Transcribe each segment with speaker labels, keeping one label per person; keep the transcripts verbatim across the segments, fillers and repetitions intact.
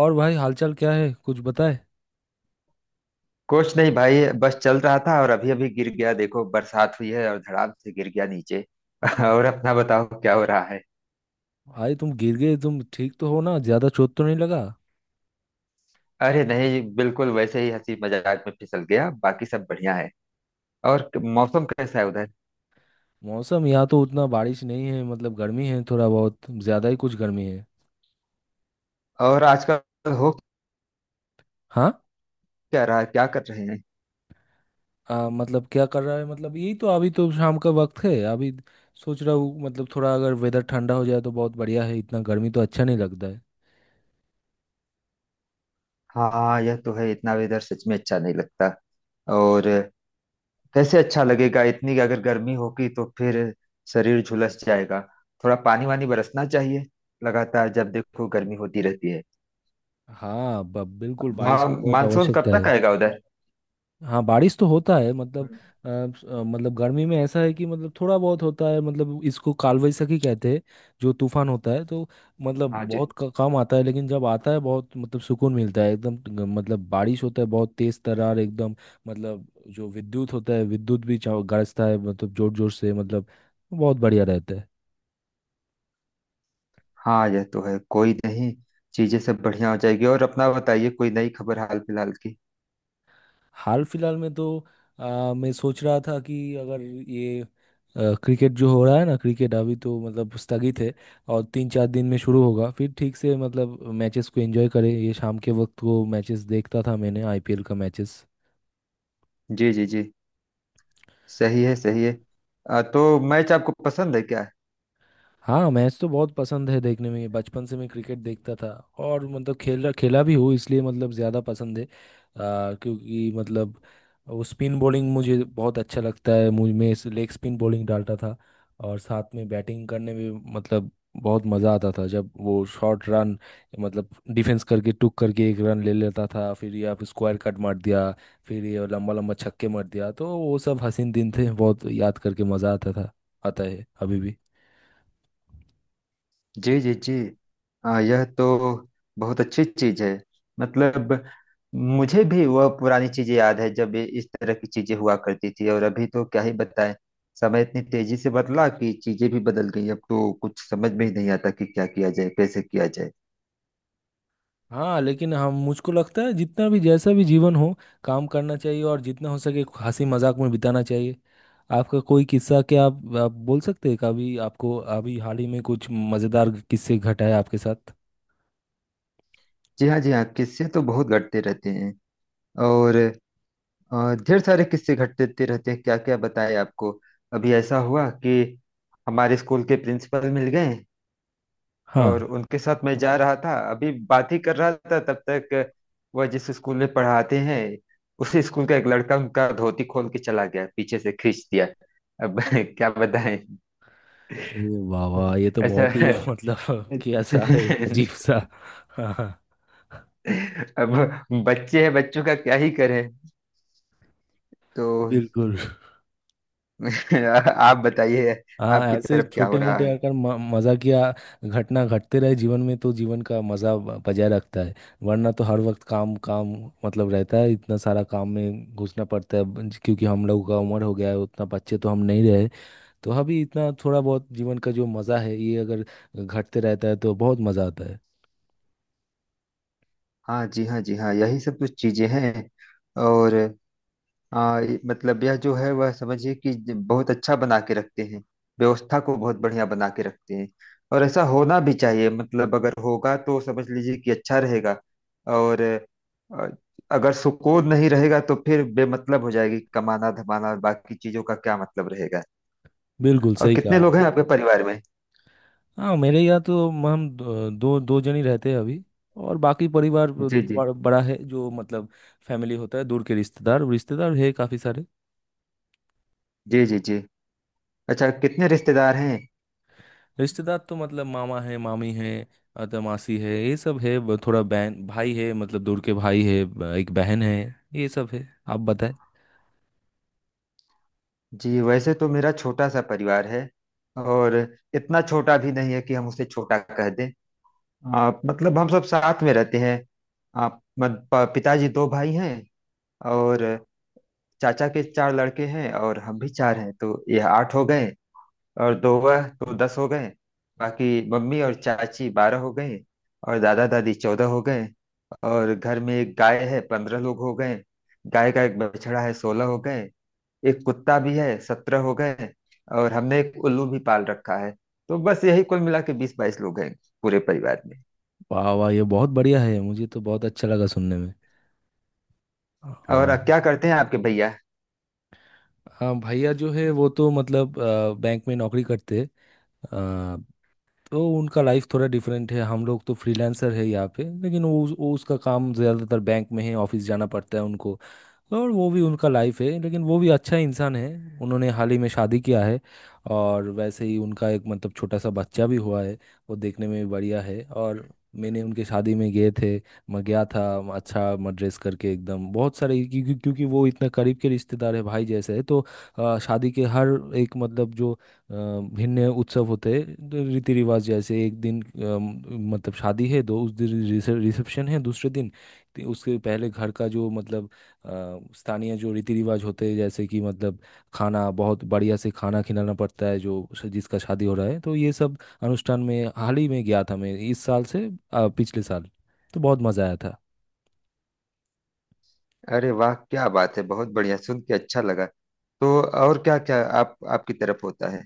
Speaker 1: और भाई हालचाल क्या है, कुछ बताए?
Speaker 2: कुछ नहीं भाई। बस चल रहा था और अभी अभी गिर गया। देखो बरसात हुई है और धड़ाम से गिर गया नीचे। और अपना बताओ क्या हो रहा है?
Speaker 1: भाई तुम गिर गए, तुम ठीक तो हो ना? ज्यादा चोट तो नहीं लगा?
Speaker 2: अरे नहीं, बिल्कुल वैसे ही हंसी मजाक में फिसल गया। बाकी सब बढ़िया है। और मौसम कैसा है उधर?
Speaker 1: मौसम यहाँ तो उतना बारिश नहीं है, मतलब गर्मी है, थोड़ा बहुत ज्यादा ही कुछ गर्मी है।
Speaker 2: और आजकल हो
Speaker 1: हाँ।
Speaker 2: क्या रहा है, क्या कर रहे हैं?
Speaker 1: आ, मतलब क्या कर रहा है, मतलब यही तो, अभी तो शाम का वक्त है अभी। सोच रहा हूँ, मतलब थोड़ा अगर वेदर ठंडा हो जाए तो बहुत बढ़िया है, इतना गर्मी तो अच्छा नहीं लगता है।
Speaker 2: हाँ, यह तो है। इतना वेदर सच में अच्छा नहीं लगता। और कैसे अच्छा लगेगा? इतनी अगर गर्मी होगी तो फिर शरीर झुलस जाएगा। थोड़ा पानी वानी बरसना चाहिए। लगातार जब देखो गर्मी होती रहती है।
Speaker 1: हाँ ब- बिल्कुल, बारिश
Speaker 2: मा,
Speaker 1: का बहुत
Speaker 2: मानसून कब
Speaker 1: आवश्यकता
Speaker 2: तक
Speaker 1: है।
Speaker 2: आएगा उधर?
Speaker 1: हाँ, बारिश तो होता है, मतलब अ, स- अ, मतलब गर्मी में ऐसा है कि, मतलब थोड़ा बहुत होता है, मतलब इसको काल वैसाखी कहते हैं। जो तूफान होता है, तो मतलब
Speaker 2: हाँ जी
Speaker 1: बहुत क- कम आता है, लेकिन जब आता है बहुत, मतलब सुकून मिलता है एकदम, ग- मतलब बारिश होता है बहुत तेज तर्रार एकदम। मतलब जो विद्युत होता है, विद्युत भी चम- गरजता है, मतलब जोर जोर से, मतलब बहुत बढ़िया रहता है।
Speaker 2: हाँ, यह तो है। कोई नहीं, चीजें सब बढ़िया हो जाएगी। और अपना बताइए कोई नई खबर हाल फिलहाल की?
Speaker 1: हाल फिलहाल में तो अ, मैं सोच रहा था कि अगर ये अ, क्रिकेट जो हो रहा है ना, क्रिकेट अभी तो मतलब स्थगित है और तीन चार दिन में शुरू होगा, फिर ठीक से मतलब मैचेस को एंजॉय करें। ये शाम के वक्त को मैचेस देखता था मैंने, आईपीएल का मैचेस।
Speaker 2: जी जी जी, सही है सही है। अ, तो मैच आपको पसंद है क्या?
Speaker 1: हाँ, मैच तो बहुत पसंद है देखने में, बचपन से मैं क्रिकेट देखता था और मतलब खेला खेला भी हूँ, इसलिए मतलब ज़्यादा पसंद है, आ, क्योंकि मतलब वो स्पिन बॉलिंग मुझे बहुत अच्छा लगता है, मुझ मैं लेग स्पिन बॉलिंग डालता था। और साथ में बैटिंग करने में मतलब बहुत मज़ा आता था, जब वो शॉर्ट रन, मतलब डिफेंस करके टुक करके एक रन ले लेता था फिर, या फिर स्क्वायर कट मार दिया, फिर ये लंबा लंबा छक्के मार दिया, तो वो सब हसीन दिन थे, बहुत याद करके मज़ा आता था, आता है अभी भी।
Speaker 2: जी जी जी। अ, यह तो बहुत अच्छी चीज है। मतलब मुझे भी वह पुरानी चीजें याद है जब ये इस तरह की चीजें हुआ करती थी। और अभी तो क्या ही बताएं। समय इतनी तेजी से बदला कि चीजें भी बदल गई। अब तो कुछ समझ में ही नहीं आता कि क्या किया जाए, कैसे किया जाए।
Speaker 1: हाँ लेकिन, हम, मुझको लगता है जितना भी जैसा भी जीवन हो, काम करना चाहिए और जितना हो सके हंसी मजाक में बिताना चाहिए। आपका कोई किस्सा, क्या आप, आप बोल सकते हैं कभी? आपको अभी हाल ही में कुछ मजेदार किस्से घटा है आपके साथ?
Speaker 2: जी हाँ जी हाँ, किस्से तो बहुत घटते रहते हैं। और अ, ढेर सारे किस्से घटते रहते हैं, क्या क्या बताएं आपको। अभी ऐसा हुआ कि हमारे स्कूल के प्रिंसिपल मिल गए।
Speaker 1: हाँ,
Speaker 2: और उनके साथ मैं जा रहा था, अभी बात ही कर रहा था, तब तक वह जिस स्कूल में पढ़ाते हैं उसी स्कूल का एक लड़का उनका धोती खोल के चला गया, पीछे से खींच दिया। अब क्या बताएं।
Speaker 1: ये वाह वाह, ये तो
Speaker 2: ऐसा।
Speaker 1: बहुत ही मतलब क्या सा है, अजीब सा। हाँ हाँ,
Speaker 2: अब बच्चे हैं, बच्चों का क्या ही करें। तो
Speaker 1: बिल्कुल।
Speaker 2: आप बताइए,
Speaker 1: हाँ,
Speaker 2: आपकी
Speaker 1: ऐसे
Speaker 2: तरफ क्या हो
Speaker 1: छोटे
Speaker 2: रहा
Speaker 1: मोटे
Speaker 2: है?
Speaker 1: अगर म- मजाकिया घटना घटते रहे जीवन में, तो जीवन का मजा ब- बजाय रखता है, वरना तो हर वक्त काम काम, मतलब रहता है, इतना सारा काम में घुसना पड़ता है ब- क्योंकि हम लोगों का उम्र हो गया है, उतना बच्चे तो हम नहीं रहे। तो अभी इतना थोड़ा बहुत जीवन का जो मजा है, ये अगर घटते रहता है तो बहुत मजा आता है।
Speaker 2: हाँ जी हाँ जी हाँ, यही सब कुछ चीजें हैं। और आ, ये- मतलब यह जो है वह समझिए कि ज- बहुत अच्छा बना के रखते हैं। व्यवस्था को बहुत बढ़िया बना के रखते हैं। और ऐसा होना भी चाहिए। मतलब अगर होगा तो समझ लीजिए कि अच्छा रहेगा। और अ, अगर सुकून नहीं रहेगा तो फिर बेमतलब हो जाएगी कमाना धमाना, और बाकी चीजों का क्या मतलब रहेगा।
Speaker 1: बिल्कुल
Speaker 2: और
Speaker 1: सही
Speaker 2: कितने
Speaker 1: कहा।
Speaker 2: लोग हैं आपके परिवार में?
Speaker 1: हाँ, मेरे यहाँ तो म- हम दो दो दो जन ही रहते हैं अभी, और बाकी परिवार ब-
Speaker 2: जी जी
Speaker 1: बड़ा बड़ा है, जो मतलब फैमिली होता है, दूर के रिश्तेदार रिश्तेदार है काफी सारे।
Speaker 2: जी। जी जी, अच्छा कितने रिश्तेदार हैं?
Speaker 1: रिश्तेदार तो मतलब मामा है, मामी है, अ, तो मासी है, ये सब है, ब- थोड़ा बहन भाई है, मतलब दूर के भाई है, ब- एक बहन है, ये सब है। आप बताएं।
Speaker 2: जी वैसे तो मेरा छोटा सा परिवार है। और इतना छोटा भी नहीं है कि हम उसे छोटा कह दें। आप मतलब हम सब साथ में रहते हैं। आप मत- प- पिताजी दो भाई हैं। और चाचा के चार लड़के हैं और हम भी चार हैं तो यह आठ हो गए। और दो वह तो दस हो गए। बाकी मम्मी और चाची बारह हो गए। और दादा दादी चौदह हो गए। और घर में एक गाय है, पंद्रह लोग हो गए। गाय का एक बछड़ा है, सोलह हो गए। एक कुत्ता भी है, सत्रह हो गए। और हमने एक उल्लू भी पाल रखा है। तो बस यही कुल मिला के बीस बाईस लोग हैं पूरे परिवार में।
Speaker 1: वाह वाह, ये बहुत बढ़िया है, मुझे तो बहुत अच्छा लगा सुनने में।
Speaker 2: और
Speaker 1: और
Speaker 2: अब क्या करते हैं आपके भैया?
Speaker 1: हाँ, भैया जो है वो तो मतलब अ, बैंक में नौकरी करते हैं, तो उनका लाइफ थोड़ा डिफरेंट है, हम लोग तो फ्रीलांसर है यहाँ पे, लेकिन वो, वो उसका काम ज़्यादातर बैंक में है, ऑफिस जाना पड़ता है उनको, और वो भी उनका लाइफ है, लेकिन वो भी अच्छा इंसान है। उन्होंने हाल ही में शादी किया है, और वैसे ही उनका एक मतलब छोटा सा बच्चा भी हुआ है, वो देखने में भी बढ़िया है। और मैंने उनके शादी में गए थे, मैं गया था, अच्छा मैं ड्रेस करके एकदम बहुत सारे, क्योंकि क्योंकि वो इतना करीब के रिश्तेदार है, भाई जैसे है तो। अ, शादी के हर एक मतलब, जो अ, भिन्न उत्सव होते हैं तो रीति रिवाज, जैसे एक दिन, अम, मतलब शादी है, दो उस दिन रिसे- रिसेप्शन है दूसरे दिन, ति- उसके पहले घर का, जो मतलब अ, स्थानीय जो रीति रिवाज होते हैं, जैसे कि मतलब खाना बहुत बढ़िया से खाना खिलाना पड़ता है जो श- जिसका शादी हो रहा है, तो ये सब अनुष्ठान में हाल ही में गया था मैं, इस साल से अ, पिछले साल, तो बहुत मज़ा आया था।
Speaker 2: अरे वाह, क्या बात है, बहुत बढ़िया, सुन के अच्छा लगा। तो और क्या क्या आप, आपकी तरफ होता है?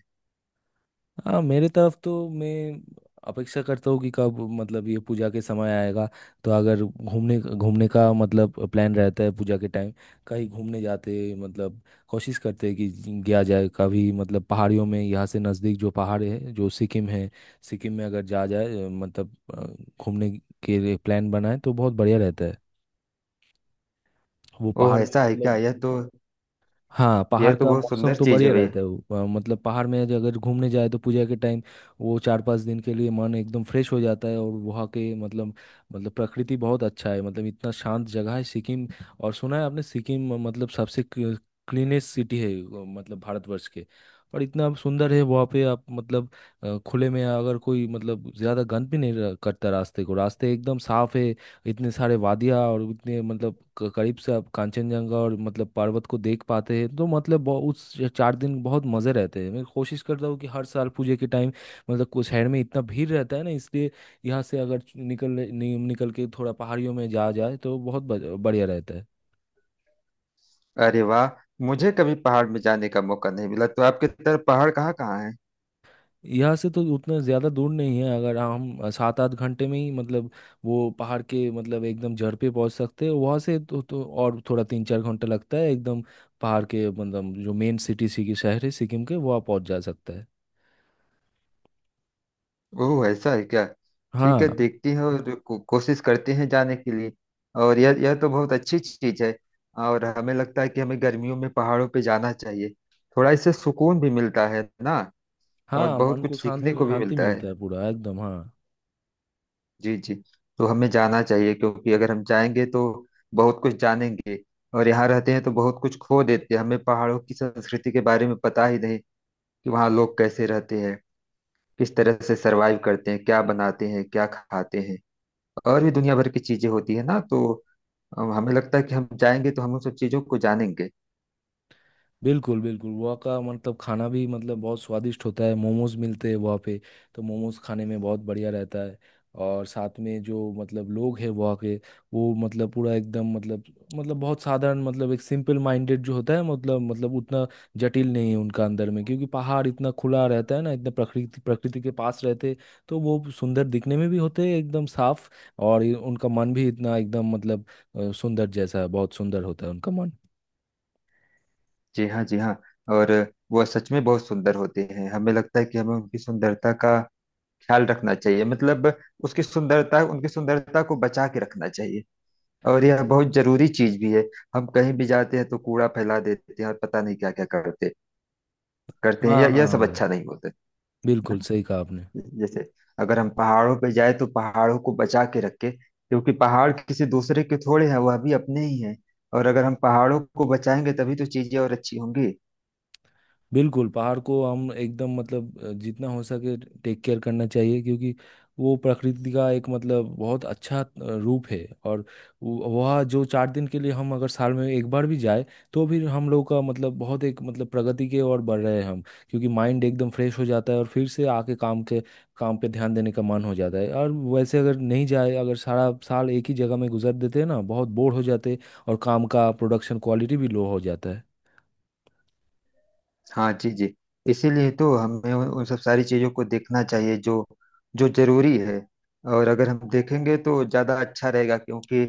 Speaker 1: हाँ, मेरे तरफ तो मैं अपेक्षा करता हूँ कि कब मतलब ये पूजा के समय आएगा, तो अगर घूमने घूमने का मतलब प्लान रहता है पूजा के टाइम, कहीं घूमने जाते मतलब, कोशिश करते हैं कि गया जाए कभी, मतलब पहाड़ियों में, यहाँ से नज़दीक जो पहाड़ है, जो सिक्किम है। सिक्किम में अगर जा जाए, मतलब अ, घूमने के लिए प्लान बनाए तो बहुत बढ़िया रहता है वो
Speaker 2: ओह,
Speaker 1: पहाड़ में,
Speaker 2: ऐसा है क्या?
Speaker 1: मतलब।
Speaker 2: यह तो,
Speaker 1: हाँ, पहाड़
Speaker 2: यह तो
Speaker 1: का
Speaker 2: बहुत
Speaker 1: मौसम
Speaker 2: सुंदर
Speaker 1: तो
Speaker 2: चीज है
Speaker 1: बढ़िया
Speaker 2: भैया।
Speaker 1: रहता है, वो, अ, मतलब पहाड़ में जो, अगर घूमने जाए तो पूजा के टाइम, वो चार पांच दिन के लिए मन एकदम फ्रेश हो जाता है, और वहाँ के मतलब, मतलब प्रकृति बहुत अच्छा है, मतलब इतना शांत जगह है सिक्किम। और सुना है आपने, सिक्किम मतलब सबसे क्लीनेस्ट सिटी है, अ, मतलब भारतवर्ष के। और इतना सुंदर है वहाँ पे, आप मतलब अ, खुले में अगर कोई मतलब ज़्यादा गंद भी नहीं र- करता, रास्ते को रास्ते एकदम साफ है, इतने सारे वादियाँ, और इतने मतलब क- करीब से आप कांचनजंगा, और मतलब पर्वत को देख पाते हैं, तो मतलब बहु- उस च- चार दिन बहुत मज़े रहते हैं। मैं कोशिश करता हूँ कि हर साल पूजे के टाइम, मतलब कुछ शहर में इतना भीड़ रहता है ना, इसलिए यहाँ से अगर निकल नि, निकल के थोड़ा पहाड़ियों में जा जाए तो बहुत ब- बढ़िया रहता है।
Speaker 2: अरे वाह, मुझे कभी पहाड़ में जाने का मौका नहीं मिला। तो आपकी तरफ पहाड़ कहाँ कहाँ है?
Speaker 1: यहाँ से तो उतना ज़्यादा दूर नहीं है, अगर हम सात आठ घंटे में ही मतलब वो पहाड़ के मतलब एकदम जड़ पे पहुँच सकते हैं, वहाँ से तो, तो और थोड़ा तीन चार घंटा लगता है, एकदम पहाड़ के मतलब जो मेन सिटी सिकी शहर है सिक्किम के, वहाँ पहुँच जा सकता है।
Speaker 2: ओह, ऐसा है क्या? ठीक है,
Speaker 1: हाँ
Speaker 2: देखते हैं और को, कोशिश करते हैं जाने के लिए। और यह यह तो बहुत अच्छी चीज है। और हमें लगता है कि हमें गर्मियों में पहाड़ों पे जाना चाहिए। थोड़ा इससे सुकून भी मिलता है ना। और
Speaker 1: हाँ,
Speaker 2: बहुत
Speaker 1: मन को
Speaker 2: कुछ
Speaker 1: शांत,
Speaker 2: सीखने को भी
Speaker 1: शांति
Speaker 2: मिलता
Speaker 1: मिलता
Speaker 2: है।
Speaker 1: है पूरा एकदम, हाँ।
Speaker 2: जी जी। तो हमें जाना चाहिए क्योंकि अगर हम जाएंगे तो बहुत कुछ जानेंगे। और यहाँ रहते हैं तो बहुत कुछ खो देते हैं। हमें पहाड़ों की संस्कृति के बारे में पता ही नहीं कि वहाँ लोग कैसे रहते हैं, किस तरह से सरवाइव करते हैं, क्या बनाते हैं, क्या खाते हैं। और भी दुनिया भर की चीजें होती है ना। तो अम, हमें लगता है कि हम जाएंगे तो हम उन सब चीजों को जानेंगे।
Speaker 1: बिल्कुल बिल्कुल, वहाँ का मतलब खाना भी मतलब बहुत स्वादिष्ट होता है, मोमोज मिलते हैं वहाँ पे, तो मोमोज खाने में बहुत बढ़िया रहता है। और साथ में जो मतलब लोग हैं वहाँ के, वो मतलब पूरा एकदम मतलब, मतलब बहुत साधारण, मतलब एक सिंपल माइंडेड जो होता है, मतलब मतलब उतना जटिल नहीं है उनका अंदर में, क्योंकि पहाड़ इतना खुला रहता है ना, इतना प्रकृति प्रकृति के पास रहते, तो वो सुंदर दिखने में भी होते हैं एकदम साफ, और ये- उनका मन भी इतना एकदम मतलब अ, सुंदर जैसा, बहुत सुंदर होता है उनका मन।
Speaker 2: जी हाँ जी हाँ। और वह सच में बहुत सुंदर होते हैं। हमें लगता है कि हमें उनकी सुंदरता का ख्याल रखना चाहिए। मतलब उसकी सुंदरता, उनकी सुंदरता को बचा के रखना चाहिए। और यह बहुत जरूरी चीज भी है। हम कहीं भी जाते हैं तो कूड़ा फैला देते हैं और पता नहीं क्या क्या करते करते हैं,
Speaker 1: हाँ
Speaker 2: यह यह सब अच्छा
Speaker 1: हाँ,
Speaker 2: नहीं होता है
Speaker 1: बिल्कुल
Speaker 2: ना।
Speaker 1: सही कहा आपने।
Speaker 2: जैसे अगर हम पहाड़ों पे जाए तो पहाड़ों को बचा के रखे, क्योंकि पहाड़ किसी दूसरे के थोड़े हैं, वह भी अपने ही हैं। और अगर हम पहाड़ों को बचाएंगे तभी तो चीजें और अच्छी होंगी।
Speaker 1: बिल्कुल, पहाड़ को हम एकदम मतलब अ, जितना हो सके टेक केयर करना चाहिए, क्योंकि वो प्रकृति का एक मतलब बहुत अच्छा अ, रूप है। और वो- वह जो चार दिन के लिए हम अगर साल में एक बार भी जाए, तो भी हम लोग का मतलब बहुत एक मतलब प्रगति के ओर बढ़ रहे हैं हम, क्योंकि माइंड एकदम फ्रेश हो जाता है, और फिर से आके काम के काम पे ध्यान देने का मन हो जाता है। और वैसे अगर नहीं जाए, अगर सारा साल एक ही जगह में गुजार देते हैं ना, बहुत बोर हो जाते हैं, और काम का प्रोडक्शन क्वालिटी भी लो हो जाता है।
Speaker 2: हाँ जी जी। इसीलिए तो हमें उन उन सब सारी चीजों को देखना चाहिए जो जो जरूरी है। और अगर हम देखेंगे तो ज्यादा अच्छा रहेगा, क्योंकि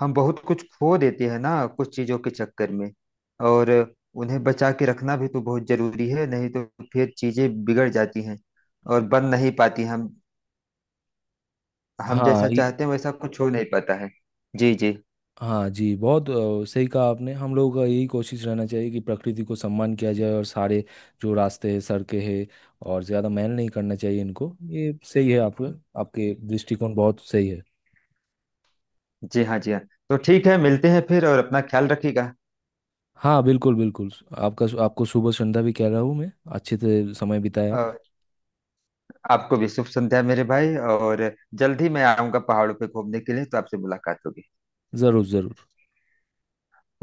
Speaker 2: हम बहुत कुछ खो देते हैं ना कुछ चीजों के चक्कर में। और उन्हें बचा के रखना भी तो बहुत जरूरी है, नहीं तो फिर चीजें बिगड़ जाती हैं। और बन नहीं पाती। हम हम
Speaker 1: हाँ
Speaker 2: जैसा
Speaker 1: ये-
Speaker 2: चाहते हैं वैसा कुछ हो नहीं पाता है। जी जी
Speaker 1: हाँ जी, बहुत अ, सही कहा आपने, हम लोगों का यही कोशिश रहना चाहिए कि प्रकृति को सम्मान किया जाए, और सारे जो रास्ते हैं, सड़कें हैं, और ज़्यादा मैल नहीं करना चाहिए इनको, ये सही है, आपके आपके दृष्टिकोण बहुत सही है।
Speaker 2: जी। हाँ जी हाँ, तो ठीक है मिलते हैं फिर, और अपना ख्याल रखिएगा।
Speaker 1: हाँ बिल्कुल बिल्कुल। आपका आपको शुभ संध्या भी कह रहा हूँ मैं, अच्छे से समय बिताए आप।
Speaker 2: और आपको भी शुभ संध्या मेरे भाई। और जल्द ही मैं आऊँगा पहाड़ों पे घूमने के लिए तो आपसे मुलाकात होगी।
Speaker 1: ज़रूर ज़रूर।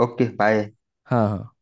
Speaker 2: Okay bye.
Speaker 1: हाँ हाँ।